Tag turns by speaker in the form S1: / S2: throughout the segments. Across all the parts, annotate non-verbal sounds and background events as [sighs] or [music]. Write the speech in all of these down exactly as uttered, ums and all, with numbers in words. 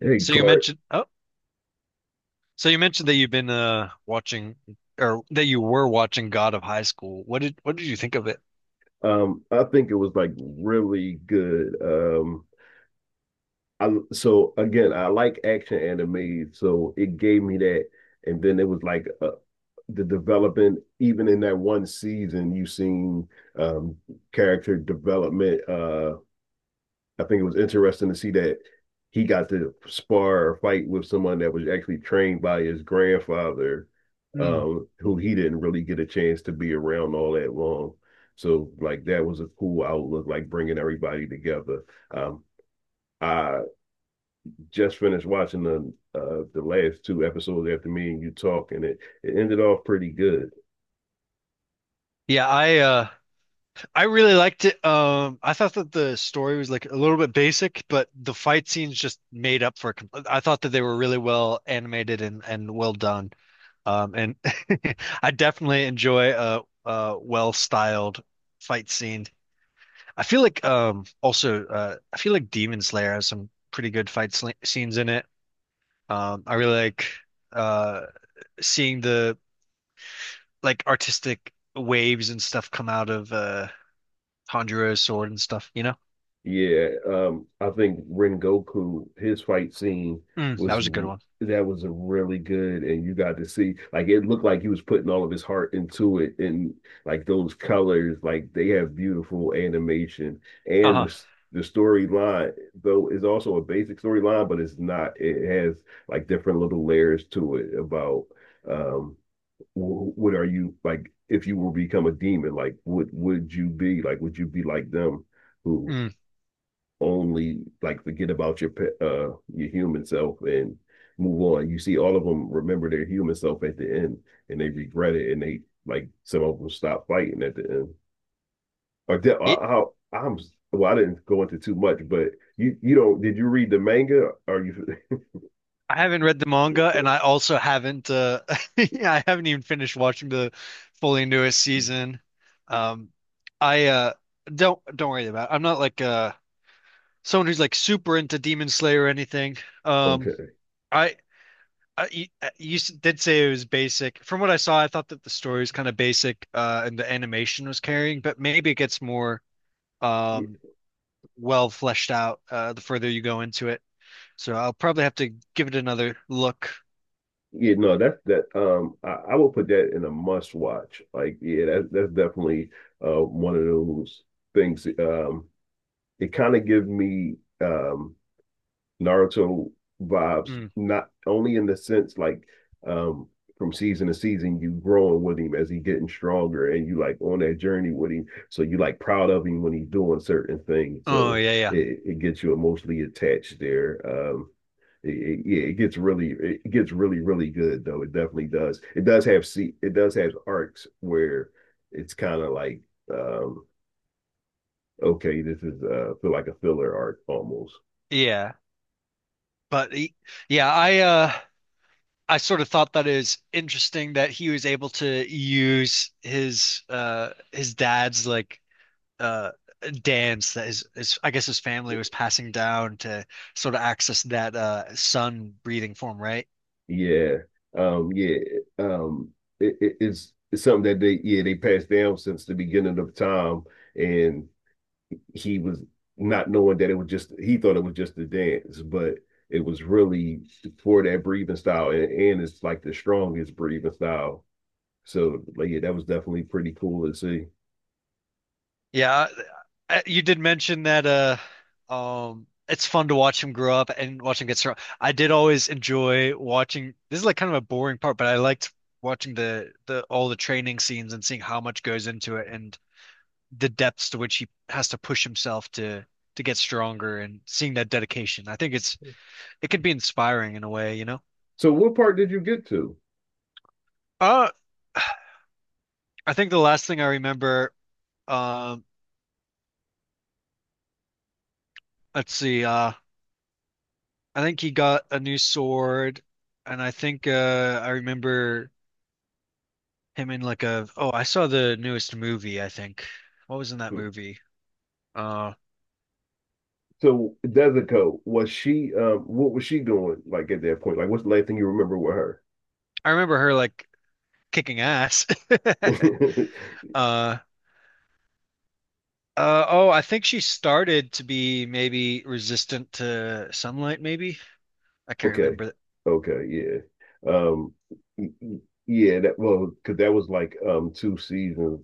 S1: Hey
S2: So you
S1: Clark,
S2: mentioned oh, so you mentioned that you've been uh watching or that you were watching God of High School. What did what did you think of it?
S1: um, I think it was like really good. Um, I so again, I like action anime, so it gave me that, and then it was like uh, the development. Even in that one season, you seen um character development. Uh, I think it was interesting to see that he got to spar or fight with someone that was actually trained by his grandfather,
S2: Hmm.
S1: um, who he didn't really get a chance to be around all that long. So like that was a cool outlook, like bringing everybody together. Um, I just finished watching the uh, the last two episodes after me and you talk, and It it ended off pretty good.
S2: Yeah, I uh I really liked it. Um I thought that the story was like a little bit basic, but the fight scenes just made up for it. com- I thought that they were really well animated and and well done. Um and [laughs] I definitely enjoy a a well-styled fight scene. I feel like um also uh I feel like Demon Slayer has some pretty good fight sl scenes in it. Um, I really like uh seeing the like artistic waves and stuff come out of uh Tanjiro's sword and stuff, you know?
S1: Yeah, um, I think Rengoku, his fight scene
S2: Mm, that
S1: was
S2: was a good one.
S1: that was a really good, and you got to see like it looked like he was putting all of his heart into it, and like those colors, like they have beautiful animation, and the
S2: Uh-huh.
S1: s- the storyline though is also a basic storyline, but it's not. It has like different little layers to it about um, wh- what are you like if you were to become a demon, like what would you be like? Would you be like them, who
S2: Mm.
S1: only like forget about your uh your human self and move on. You see, all of them remember their human self at the end, and they regret it, and they like some of them stop fighting at the end. Or de-
S2: It,
S1: I, I, am well, I didn't go into too much, but you you don't did you read the manga? Are you
S2: I haven't read the manga and I also haven't uh [laughs] yeah, I haven't even finished watching the fully newest
S1: [laughs]
S2: season. Um I uh don't don't worry about it. I'm not like uh someone who's like super into Demon Slayer or anything. Um
S1: okay?
S2: I Uh, you, uh, you s- did say it was basic. From what I saw, I thought that the story was kind of basic, uh, and the animation was carrying, but maybe it gets more
S1: Yeah,
S2: um well fleshed out uh the further you go into it. So I'll probably have to give it another look.
S1: yeah, no, that's that. Um, I, I will put that in a must watch. Like, yeah, that, that's definitely uh one of those things. Um, it kind of gives me um Naruto vibes,
S2: Mm.
S1: not only in the sense like um from season to season, you growing with him as he getting stronger and you like on that journey with him. So you like proud of him when he's doing certain things.
S2: Oh
S1: So
S2: yeah, yeah,
S1: it, it gets you emotionally attached there. Um it, it, yeah, it gets really it gets really, really good though. It definitely does. It does have See, it does have arcs where it's kind of like um okay, this is uh feel like a filler arc almost.
S2: yeah. But he, yeah, I uh I sort of thought that is interesting that he was able to use his uh his dad's like uh dance that is is I guess his family was passing down to sort of access that uh sun breathing form, right?
S1: Yeah. Um, yeah. Um, it, it- it's, it's something that they, yeah, they passed down since the beginning of time. And he was not knowing that it was just, he thought it was just a dance, but it was really for that breathing style. And, and it's like the strongest breathing style. So, like, yeah, that was definitely pretty cool to see.
S2: Yeah, I- you did mention that uh um it's fun to watch him grow up and watch him get strong. I did always enjoy watching this is like kind of a boring part, but I liked watching the the all the training scenes and seeing how much goes into it and the depths to which he has to push himself to to get stronger and seeing that dedication. I think it's it could be inspiring in a way, you know?
S1: So, what part did you get to?
S2: Uh, [sighs] I think the last thing I remember, um, let's see, uh, I think he got a new sword, and I think uh, I remember him in like a, oh, I saw the newest movie, I think. What was in that
S1: Hmm.
S2: movie? Uh,
S1: So, Desico, was she, um, what was she doing like at that point? Like, what's the last thing you remember with
S2: I remember her like kicking ass. [laughs]
S1: her? [laughs]
S2: Uh, uh, oh, I think she started to be maybe resistant to sunlight, maybe. I can't
S1: Okay.
S2: remember.
S1: Okay. Yeah. Um. y- y- Yeah. That Well, because that was like um two seasons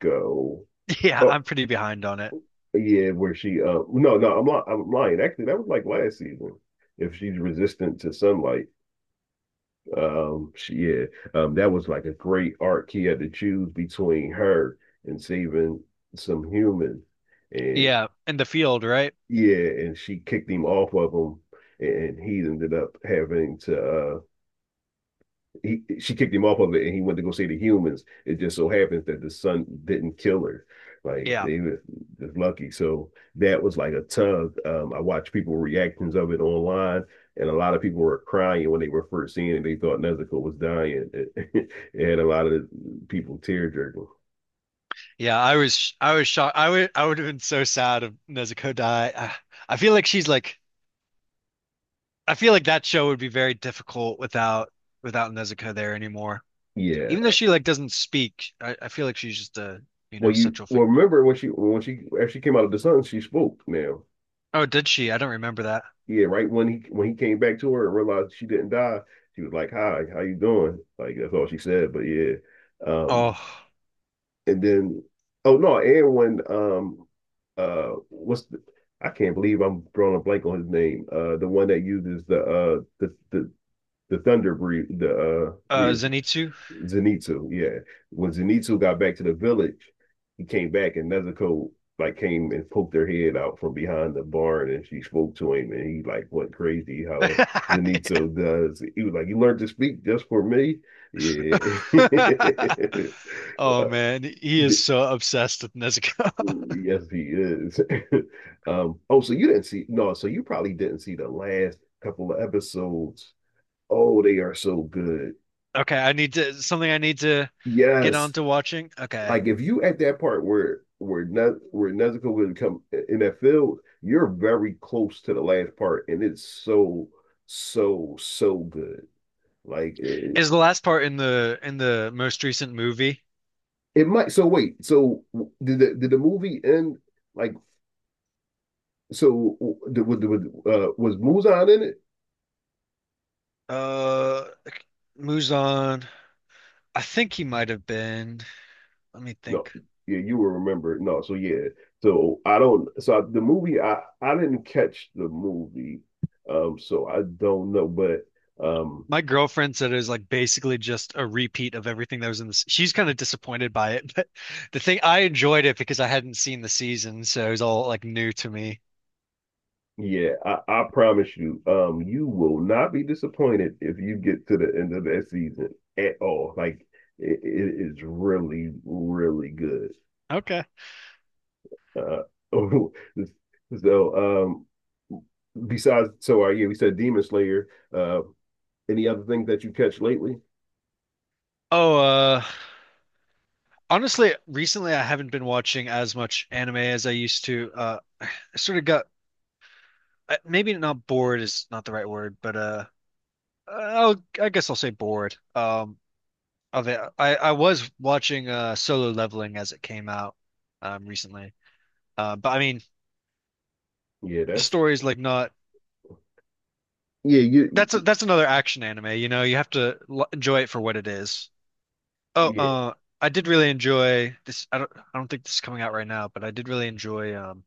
S1: ago.
S2: [laughs] Yeah,
S1: Oh,
S2: I'm pretty behind on it.
S1: yeah. Where she? Uh, no, no. I'm li- I'm lying. Actually, that was like last season. If she's resistant to sunlight, um, she, yeah, um, that was like a great arc. He had to choose between her and saving some human, and
S2: Yeah, in the field, right?
S1: yeah, and she kicked him off of him, and he ended up having to uh he, she kicked him off of it, and he went to go see the humans. It just so happens that the son didn't kill her. Like
S2: Yeah.
S1: they were just lucky. So that was like a tug. Um, I watched people reactions of it online, and a lot of people were crying when they were first seeing it. They thought Nezuko was dying. It, [laughs] it had a lot of people tear jerking.
S2: Yeah, I was sh- I was shocked. I would I would have been so sad if Nezuko died. I, I feel like she's like I feel like that show would be very difficult without without Nezuko there anymore.
S1: Yeah.
S2: Even though she like doesn't speak, I, I feel like she's just a you know
S1: Well, you
S2: central
S1: well
S2: figure.
S1: remember when she when she actually came out of the sun, she spoke now.
S2: Oh, did she? I don't remember that.
S1: Yeah, right when he when he came back to her and realized she didn't die, she was like, "Hi, how you doing?" Like that's all she said. But yeah, um,
S2: Oh,
S1: and then oh no, and when um, uh, what's the, I can't believe I'm drawing a blank on his name. Uh, the one that uses the uh the the the thunder breed the uh
S2: uh,
S1: yeah,
S2: Zenitsu.
S1: Zenitsu, yeah. When Zenitsu got back to the village, he came back and Nezuko like came and poked her head out from behind the barn and she spoke to him and he like went crazy how Zenitsu does. He was like, "You learned to speak just for me?" Yeah.
S2: [laughs] Oh
S1: [laughs]
S2: man, he is so obsessed with Nezuko. [laughs]
S1: Yes, he is. [laughs] um, oh, so you didn't see no, so you probably didn't see the last couple of episodes. Oh, they are so good.
S2: Okay, I need to something I need to get
S1: Yes,
S2: on to watching. Okay.
S1: like if you at that part where where Nez, where Nezuko would come in that field, you're very close to the last part, and it's so so so good. Like it,
S2: Is the last part in the in the most recent movie?
S1: it might. So wait. So did the did the movie end? Like so, did, was, uh, was Muzan in it?
S2: Uh, Muzan. I think he might have been. Let me
S1: No.
S2: think.
S1: Yeah, you will remember. No. So yeah. So I don't. So the movie, I I didn't catch the movie. Um. So I don't know, but um.
S2: My girlfriend said it was like basically just a repeat of everything that was in this. She's kind of disappointed by it, [laughs] but the thing I enjoyed it because I hadn't seen the season, so it was all like new to me.
S1: Yeah, I, I promise you, um, you will not be disappointed if you get to the end of that season at all. Like it, it is really, really good.
S2: Okay.
S1: Uh, [laughs] so um, besides, so uh, yeah, we said Demon Slayer. Uh, any other things that you catch lately?
S2: Oh, uh, honestly, recently I haven't been watching as much anime as I used to. Uh, I sort of got uh, maybe not bored is not the right word, but uh, I'll, I guess I'll say bored um, of it. I, I was watching uh, Solo Leveling as it came out um, recently, uh, but I mean,
S1: Yeah,
S2: the
S1: that's
S2: story's like not
S1: yeah, you
S2: that's a, that's another action anime. You know, you have to l enjoy it for what it is. Oh,
S1: yeah.
S2: uh, I did really enjoy this. I don't I don't think this is coming out right now, but I did really enjoy um,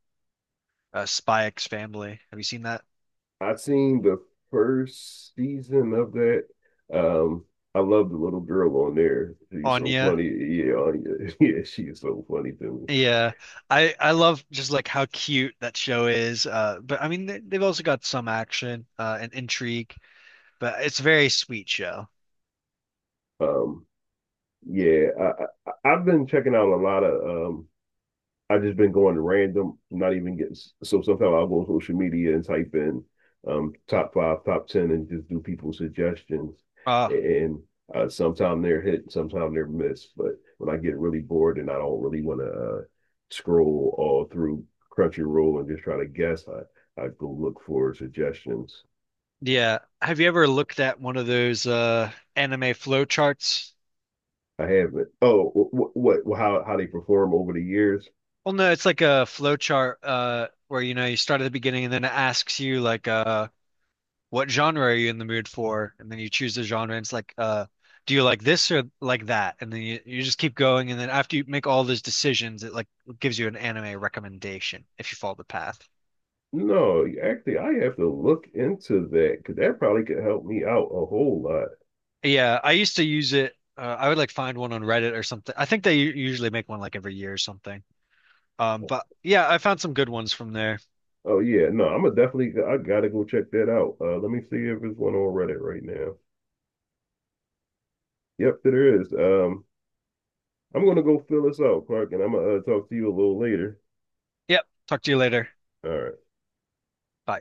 S2: uh, Spy X Family. Have you seen that?
S1: I seen the first season of that. Um, I love the little girl on there. She's so
S2: Anya.
S1: funny. Yeah, Anya. [laughs] Yeah, she is so funny to me.
S2: Yeah, I I love just like how cute that show is. Uh, but I mean, they, they've also got some action uh, and intrigue. But it's a very sweet show.
S1: Um, yeah, I, I I've been checking out a lot of um I've just been going random, not even getting so sometimes I'll go on social media and type in um top five, top ten and just do people's suggestions.
S2: Oh,
S1: And uh, sometimes they're hit, sometimes they're missed. But when I get really bored and I don't really want to uh, scroll all through Crunchyroll and just try to guess, I, I go look for suggestions.
S2: yeah. Have you ever looked at one of those uh anime flow charts?
S1: I haven't. Oh, what, what how how they perform over the years?
S2: Well, no, it's like a flow chart uh where you know you start at the beginning and then it asks you like uh what genre are you in the mood for? And then you choose the genre and it's like uh do you like this or like that? And then you, you just keep going and then after you make all those decisions it like gives you an anime recommendation if you follow the path.
S1: No, actually, I have to look into that because that probably could help me out a whole lot.
S2: Yeah, I used to use it uh, I would like find one on Reddit or something. I think they u- usually make one like every year or something. Um, but yeah, I found some good ones from there.
S1: Oh yeah, no, I'm gonna definitely. I gotta go check that out. Uh, let me see if there's one on Reddit right now. Yep, there is. Um, I'm gonna go fill this out, Clark, and I'm gonna uh, talk to you a little later.
S2: Yep. Talk to you later.
S1: All right.
S2: Bye.